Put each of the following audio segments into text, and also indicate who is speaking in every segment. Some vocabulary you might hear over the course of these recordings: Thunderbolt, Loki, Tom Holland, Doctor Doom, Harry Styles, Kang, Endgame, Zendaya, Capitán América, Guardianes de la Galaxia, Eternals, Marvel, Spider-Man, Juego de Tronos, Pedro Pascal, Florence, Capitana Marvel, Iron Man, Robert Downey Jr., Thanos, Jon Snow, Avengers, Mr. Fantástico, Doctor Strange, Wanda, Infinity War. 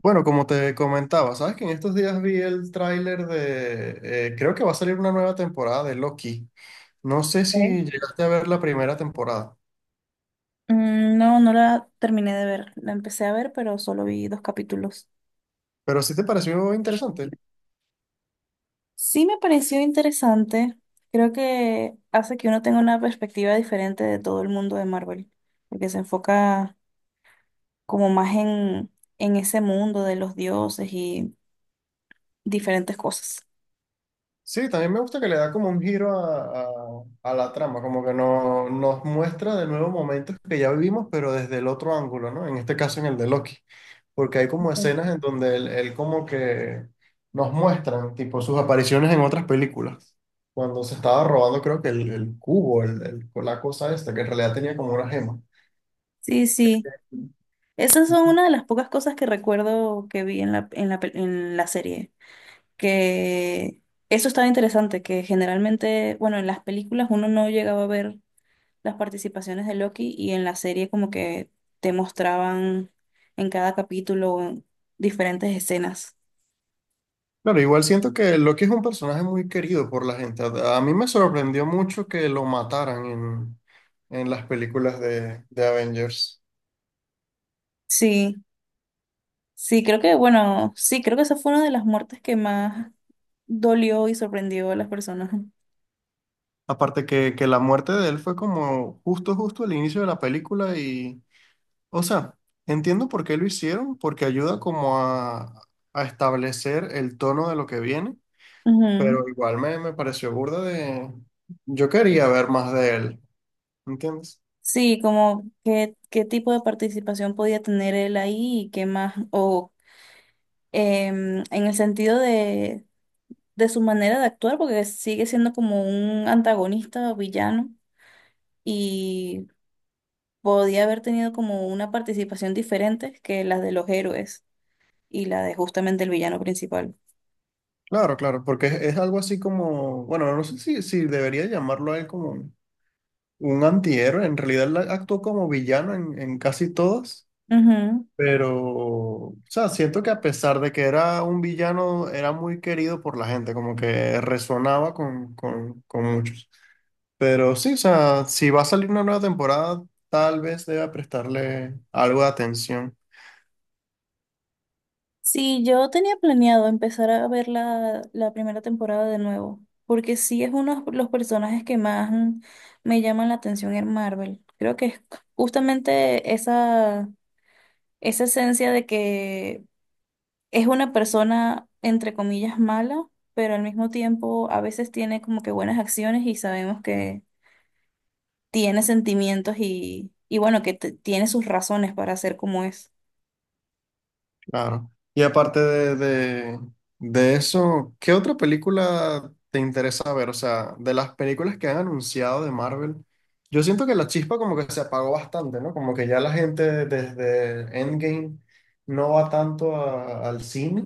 Speaker 1: Bueno, como te comentaba, sabes que en estos días vi el tráiler de, creo que va a salir una nueva temporada de Loki. No sé
Speaker 2: Ok.
Speaker 1: si llegaste a ver la primera temporada,
Speaker 2: No, no la terminé de ver. La empecé a ver, pero solo vi dos capítulos.
Speaker 1: pero sí te pareció interesante.
Speaker 2: Sí me pareció interesante. Creo que hace que uno tenga una perspectiva diferente de todo el mundo de Marvel, porque se enfoca como más en ese mundo de los dioses y diferentes cosas.
Speaker 1: Sí, también me gusta que le da como un giro a la trama, como que no, nos muestra de nuevo momentos que ya vivimos, pero desde el otro ángulo, ¿no? En este caso en el de Loki. Porque hay como escenas
Speaker 2: Ok.
Speaker 1: en donde él como que nos muestran, tipo, sus apariciones en otras películas. Cuando se estaba robando, creo que el cubo, la cosa esta, que en realidad tenía como una gema.
Speaker 2: Sí, sí. Esas son una de las pocas cosas que recuerdo que vi en la, en la serie. Que eso estaba interesante, que generalmente, bueno, en las películas uno no llegaba a ver las participaciones de Loki, y en la serie como que te mostraban en cada capítulo diferentes escenas.
Speaker 1: Claro, igual siento que Loki es un personaje muy querido por la gente. A mí me sorprendió mucho que lo mataran en las películas de Avengers.
Speaker 2: Sí, sí, creo que, bueno, sí, creo que esa fue una de las muertes que más dolió y sorprendió a las personas.
Speaker 1: Aparte que la muerte de él fue como justo, justo al inicio de la película. O sea, entiendo por qué lo hicieron, porque ayuda como a establecer el tono de lo que viene,
Speaker 2: Ujú.
Speaker 1: pero igual me pareció burda de... Yo quería ver más de él, ¿entiendes?
Speaker 2: Sí, como qué, tipo de participación podía tener él ahí y qué más, o en el sentido de su manera de actuar, porque sigue siendo como un antagonista o villano. Y podía haber tenido como una participación diferente que las de los héroes y la de justamente el villano principal.
Speaker 1: Claro, claro, porque es algo así como, bueno, no sé si debería llamarlo a él como un antihéroe, en realidad él actuó como villano en casi todas,
Speaker 2: Ujú.
Speaker 1: pero, o sea, siento que a pesar de que era un villano, era muy querido por la gente, como que resonaba con muchos. Pero sí, o sea, si va a salir una nueva temporada, tal vez deba prestarle algo de atención,
Speaker 2: Sí, yo tenía planeado empezar a ver la, primera temporada de nuevo, porque sí es uno de los personajes que más me llaman la atención en Marvel. Creo que es justamente esa esencia de que es una persona, entre comillas, mala, pero al mismo tiempo a veces tiene como que buenas acciones y sabemos que tiene sentimientos y bueno, que tiene sus razones para ser como es.
Speaker 1: claro. Y aparte de eso, ¿qué otra película te interesa ver? O sea, de las películas que han anunciado de Marvel, yo siento que la chispa como que se apagó bastante, ¿no? Como que ya la gente desde Endgame no va tanto a- al cine.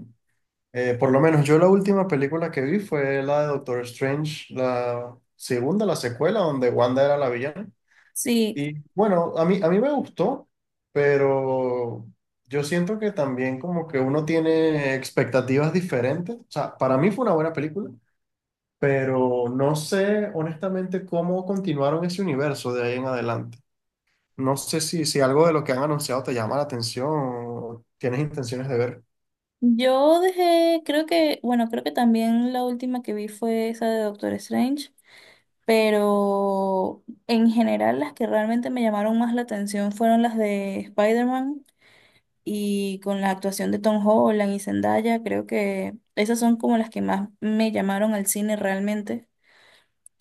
Speaker 1: Por lo menos yo la última película que vi fue la de Doctor Strange, la segunda, la secuela, donde Wanda era la villana.
Speaker 2: Sí,
Speaker 1: Y bueno, a mí me gustó, pero yo siento que también como que uno tiene expectativas diferentes. O sea, para mí fue una buena película, pero no sé honestamente cómo continuaron ese universo de ahí en adelante. No sé si algo de lo que han anunciado te llama la atención o tienes intenciones de ver.
Speaker 2: yo dejé, creo que, bueno, creo que también la última que vi fue esa de Doctor Strange, pero en general las que realmente me llamaron más la atención fueron las de Spider-Man y con la actuación de Tom Holland y Zendaya. Creo que esas son como las que más me llamaron al cine realmente,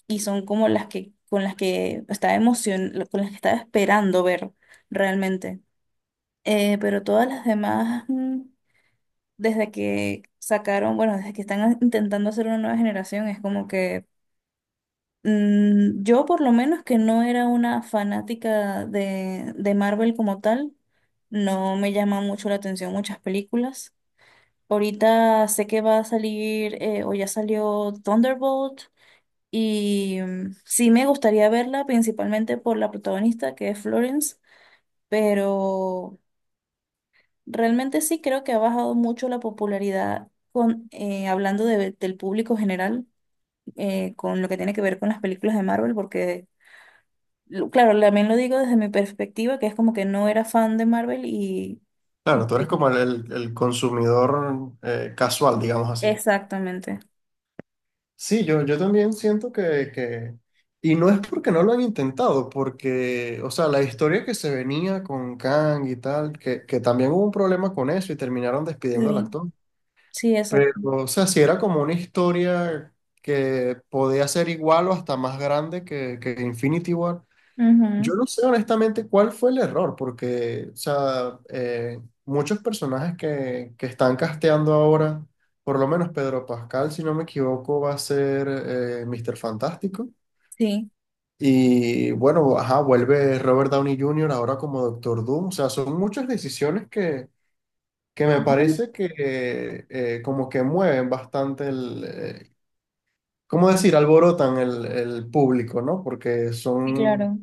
Speaker 2: y son como las que, con las que estaba con las que estaba esperando ver realmente. Pero todas las demás, desde que sacaron, bueno, desde que están intentando hacer una nueva generación, es como que yo por lo menos, que no era una fanática de Marvel como tal, no me llama mucho la atención muchas películas. Ahorita sé que va a salir o ya salió Thunderbolt, y sí me gustaría verla principalmente por la protagonista, que es Florence, pero. Realmente sí creo que ha bajado mucho la popularidad con, hablando del público general, con lo que tiene que ver con las películas de Marvel, porque, claro, también lo digo desde mi perspectiva, que es como que no era fan de Marvel y.
Speaker 1: Claro, tú eres como el consumidor casual, digamos así.
Speaker 2: Exactamente.
Speaker 1: Sí, yo también siento y no es porque no lo han intentado, porque, o sea, la historia que se venía con Kang y tal, que también hubo un problema con eso y terminaron despidiendo al
Speaker 2: Sí,
Speaker 1: actor.
Speaker 2: sí, exacto.
Speaker 1: Pero, o sea, si era como una historia que podía ser igual o hasta más grande que Infinity War, yo
Speaker 2: Ujú.
Speaker 1: no sé honestamente cuál fue el error, porque, o sea, muchos personajes que están casteando ahora, por lo menos Pedro Pascal, si no me equivoco, va a ser Mr. Fantástico.
Speaker 2: Sí.
Speaker 1: Y bueno, ajá, vuelve Robert Downey Jr. ahora como Doctor Doom. O sea, son muchas decisiones que me parece que como que mueven bastante ¿cómo decir? Alborotan el público, ¿no? Porque
Speaker 2: Sí,
Speaker 1: son
Speaker 2: claro.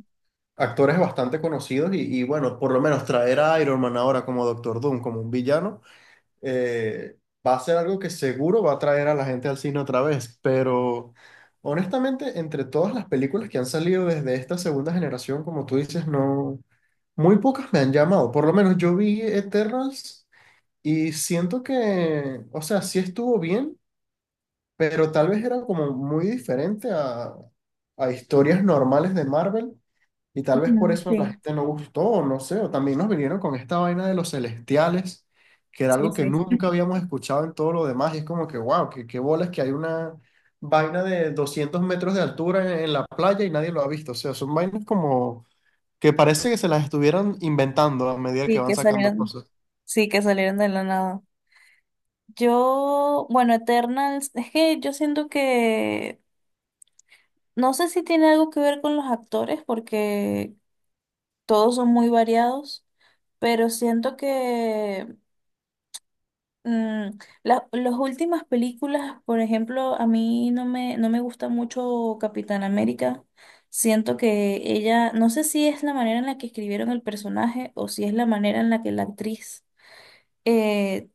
Speaker 1: actores bastante conocidos bueno, por lo menos traer a Iron Man ahora como Doctor Doom, como un villano, eh, va a ser algo que seguro va a traer a la gente al cine otra vez, pero honestamente, entre todas las películas que han salido desde esta segunda generación, como tú dices, no, muy pocas me han llamado, por lo menos yo vi Eternals y siento que, o sea, sí estuvo bien, pero tal vez era como muy diferente a historias normales de Marvel. Y tal vez por
Speaker 2: Ujú.
Speaker 1: eso a la
Speaker 2: Sí,
Speaker 1: gente no gustó, o no sé, o también nos vinieron con esta vaina de los celestiales, que era
Speaker 2: sí,
Speaker 1: algo que
Speaker 2: sí.
Speaker 1: nunca habíamos escuchado en todo lo demás, y es como que, wow, qué, qué bolas que hay una vaina de 200 metros de altura en la playa y nadie lo ha visto, o sea, son vainas como que parece que se las estuvieran inventando a medida que
Speaker 2: Sí,
Speaker 1: van
Speaker 2: que
Speaker 1: sacando
Speaker 2: salieron,
Speaker 1: cosas.
Speaker 2: sí, que salieron de la nada. Yo, bueno, Eternals, es que yo siento que. No sé si tiene algo que ver con los actores, porque todos son muy variados, pero siento que mm, las últimas películas, por ejemplo, a mí no me, gusta mucho Capitán América. Siento que ella, no sé si es la manera en la que escribieron el personaje o si es la manera en la que la actriz eh,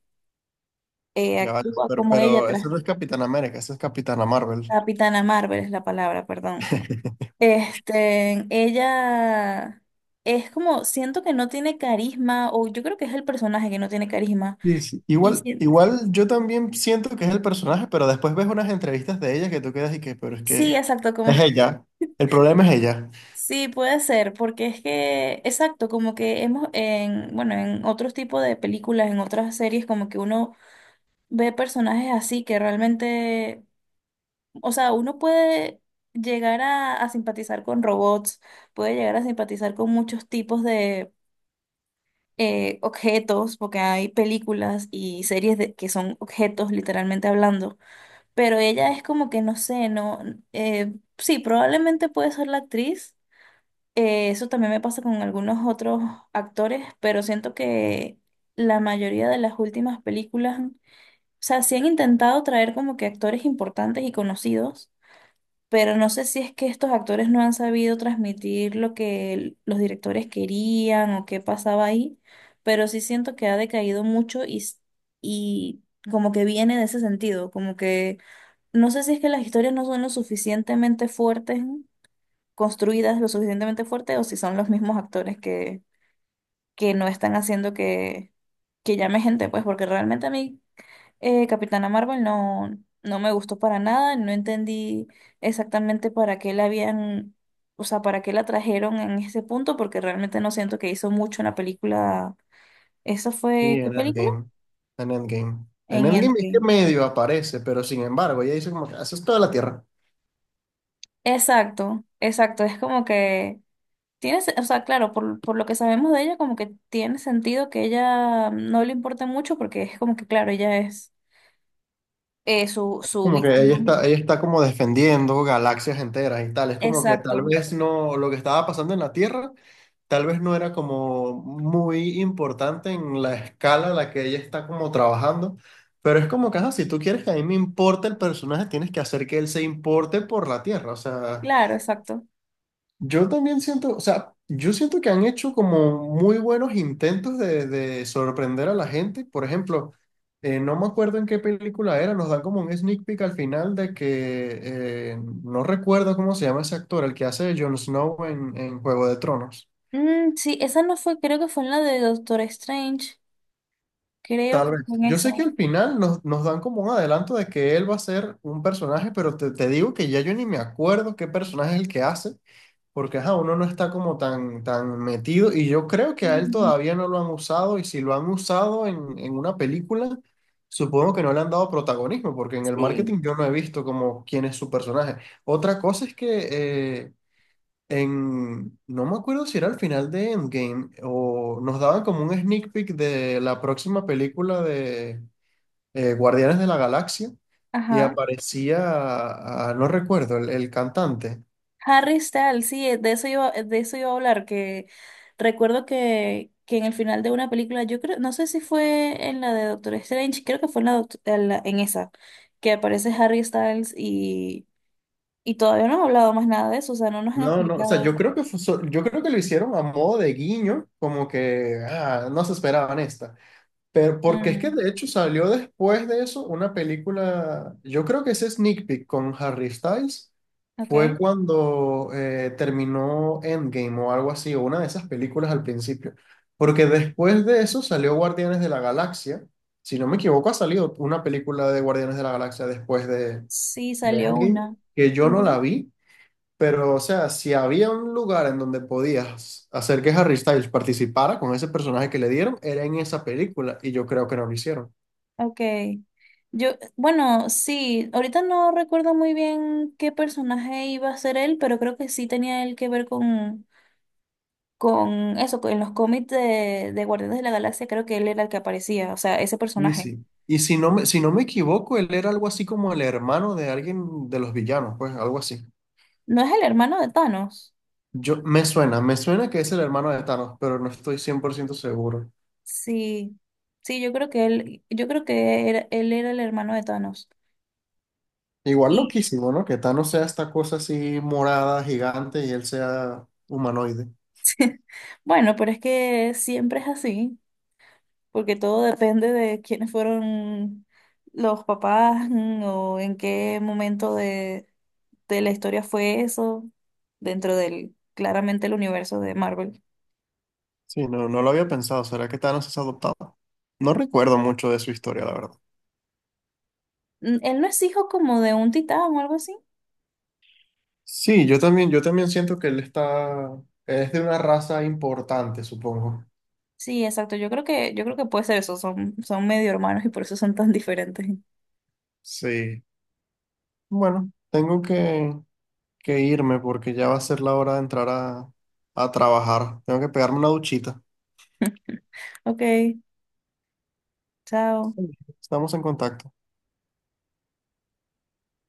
Speaker 1: Ya vale,
Speaker 2: actúa como ella,
Speaker 1: pero
Speaker 2: tras.
Speaker 1: eso no es Capitán América, eso es Capitana Marvel.
Speaker 2: Capitana Marvel es la palabra, perdón. Este, ella es como, siento que no tiene carisma, o yo creo que es el personaje que no tiene carisma.
Speaker 1: Sí, sí.
Speaker 2: Y
Speaker 1: Igual,
Speaker 2: sí,
Speaker 1: igual yo también siento que es el personaje, pero después ves unas entrevistas de ella que tú quedas y que, pero es
Speaker 2: sí,
Speaker 1: que
Speaker 2: exacto, como,
Speaker 1: es ella. El problema es ella.
Speaker 2: sí, puede ser, porque es que, exacto, como que hemos, en, bueno, en otros tipos de películas, en otras series, como que uno ve personajes así que realmente, o sea, uno puede llegar a simpatizar con robots, puede llegar a simpatizar con muchos tipos, objetos, porque hay películas y series de, que son objetos literalmente hablando. Pero ella es como que no sé, no, sí, probablemente puede ser la actriz. Eso también me pasa con algunos otros actores, pero siento que la mayoría de las últimas películas, o sea, sí han intentado traer como que actores importantes y conocidos, pero no sé si es que estos actores no han sabido transmitir lo que los directores querían o qué pasaba ahí, pero sí siento que ha decaído mucho y, y como que viene de ese sentido, como que no sé si es que las historias no son lo suficientemente fuertes, construidas lo suficientemente fuerte, o si son los mismos actores que, no están haciendo que llame gente, pues porque realmente a mí Capitana Marvel no, no me gustó para nada, no entendí exactamente para qué la habían, o sea, para qué la trajeron en ese punto, porque realmente no siento que hizo mucho en la película. ¿Eso
Speaker 1: Sí,
Speaker 2: fue qué
Speaker 1: en
Speaker 2: película?
Speaker 1: Endgame. En Endgame. En
Speaker 2: En
Speaker 1: Endgame es que
Speaker 2: Endgame.
Speaker 1: medio aparece, pero sin embargo, ella dice como que haces toda la tierra.
Speaker 2: Exacto, exacto. Es como que tiene, o sea, claro, por, lo que sabemos de ella, como que tiene sentido que ella no le importe mucho, porque es como que, claro, ella es, su
Speaker 1: Como que
Speaker 2: víctima.
Speaker 1: ella está como defendiendo galaxias enteras y tal. Es como que tal
Speaker 2: Exacto,
Speaker 1: vez no, lo que estaba pasando en la Tierra, tal vez no era como muy importante en la escala a la que ella está como trabajando. Pero es como que, ajá, si tú quieres que a mí me importe el personaje, tienes que hacer que él se importe por la Tierra. O sea,
Speaker 2: claro, exacto.
Speaker 1: yo también siento, o sea, yo siento que han hecho como muy buenos intentos de sorprender a la gente. Por ejemplo, no me acuerdo en qué película era, nos dan como un sneak peek al final de que no recuerdo cómo se llama ese actor, el que hace de Jon Snow en Juego de Tronos.
Speaker 2: Mm, sí, esa no fue, creo que fue en la de Doctor Strange. Creo
Speaker 1: Tal
Speaker 2: que
Speaker 1: vez.
Speaker 2: fue en
Speaker 1: Yo sé que
Speaker 2: eso.
Speaker 1: al final nos dan como un adelanto de que él va a ser un personaje, pero te digo que ya yo ni me acuerdo qué personaje es el que hace. Porque ajá, uno no está como tan, tan metido y yo creo que a él
Speaker 2: Mm,
Speaker 1: todavía no lo han usado y si lo han usado en una película, supongo que no le han dado protagonismo porque en el
Speaker 2: sí,
Speaker 1: marketing yo no he visto como quién es su personaje. Otra cosa es que eh, no me acuerdo si era al final de Endgame o nos daban como un sneak peek de la próxima película de Guardianes de la Galaxia y
Speaker 2: ajá.
Speaker 1: aparecía, ah, no recuerdo, el cantante.
Speaker 2: Harry Styles, sí, de eso iba a hablar, que recuerdo que, en el final de una película, yo creo, no sé si fue en la de Doctor Strange, creo que fue en la, en esa, que aparece Harry Styles y todavía no han hablado más nada de eso, o sea, no nos han
Speaker 1: No, no, o sea,
Speaker 2: explicado.
Speaker 1: yo creo que fue so- yo creo que lo hicieron a modo de guiño, como que ah, no se esperaban esta. Pero porque es que
Speaker 2: Mm,
Speaker 1: de hecho salió después de eso una película, yo creo que ese sneak peek con Harry Styles
Speaker 2: ok.
Speaker 1: fue cuando terminó Endgame o algo así, o una de esas películas al principio. Porque después de eso salió Guardianes de la Galaxia. Si no me equivoco, ha salido una película de Guardianes de la Galaxia después
Speaker 2: Sí,
Speaker 1: de
Speaker 2: salió
Speaker 1: Endgame,
Speaker 2: una.
Speaker 1: que yo no la vi pero, o sea, si había un lugar en donde podías hacer que Harry Styles participara con ese personaje que le dieron, era en esa película, y yo creo que no lo hicieron.
Speaker 2: Ok. Yo, bueno, sí, ahorita no recuerdo muy bien qué personaje iba a ser él, pero creo que sí tenía él que ver con, eso, con los cómics de Guardianes de la Galaxia. Creo que él era el que aparecía, o sea, ese
Speaker 1: Y
Speaker 2: personaje.
Speaker 1: sí. Y si no me, si no me equivoco, él era algo así como el hermano de alguien de los villanos, pues algo así.
Speaker 2: ¿No es el hermano de Thanos?
Speaker 1: Yo, me suena que es el hermano de Thanos, pero no estoy 100 por ciento seguro.
Speaker 2: Sí, sí, yo creo que él, yo creo que él era el hermano de Thanos.
Speaker 1: Igual
Speaker 2: Y,
Speaker 1: loquísimo, ¿no? Que Thanos sea esta cosa así morada, gigante, y él sea humanoide.
Speaker 2: bueno, pero es que siempre es así, porque todo depende de quiénes fueron los papás. O en qué momento de, la historia fue eso, dentro del, claramente, el universo de Marvel.
Speaker 1: Sí, no, no lo había pensado. ¿Será que Thanos es adoptado? No recuerdo mucho de su historia, la verdad.
Speaker 2: Él no es hijo como de un titán o algo así.
Speaker 1: Sí, yo también siento que él está, es de una raza importante, supongo.
Speaker 2: Sí, exacto. Yo creo que puede ser eso. Son medio hermanos y por eso son tan diferentes.
Speaker 1: Sí. Bueno, tengo que irme porque ya va a ser la hora de entrar a trabajar. Tengo que pegarme una duchita.
Speaker 2: Ok, chao.
Speaker 1: Sí. Estamos en contacto.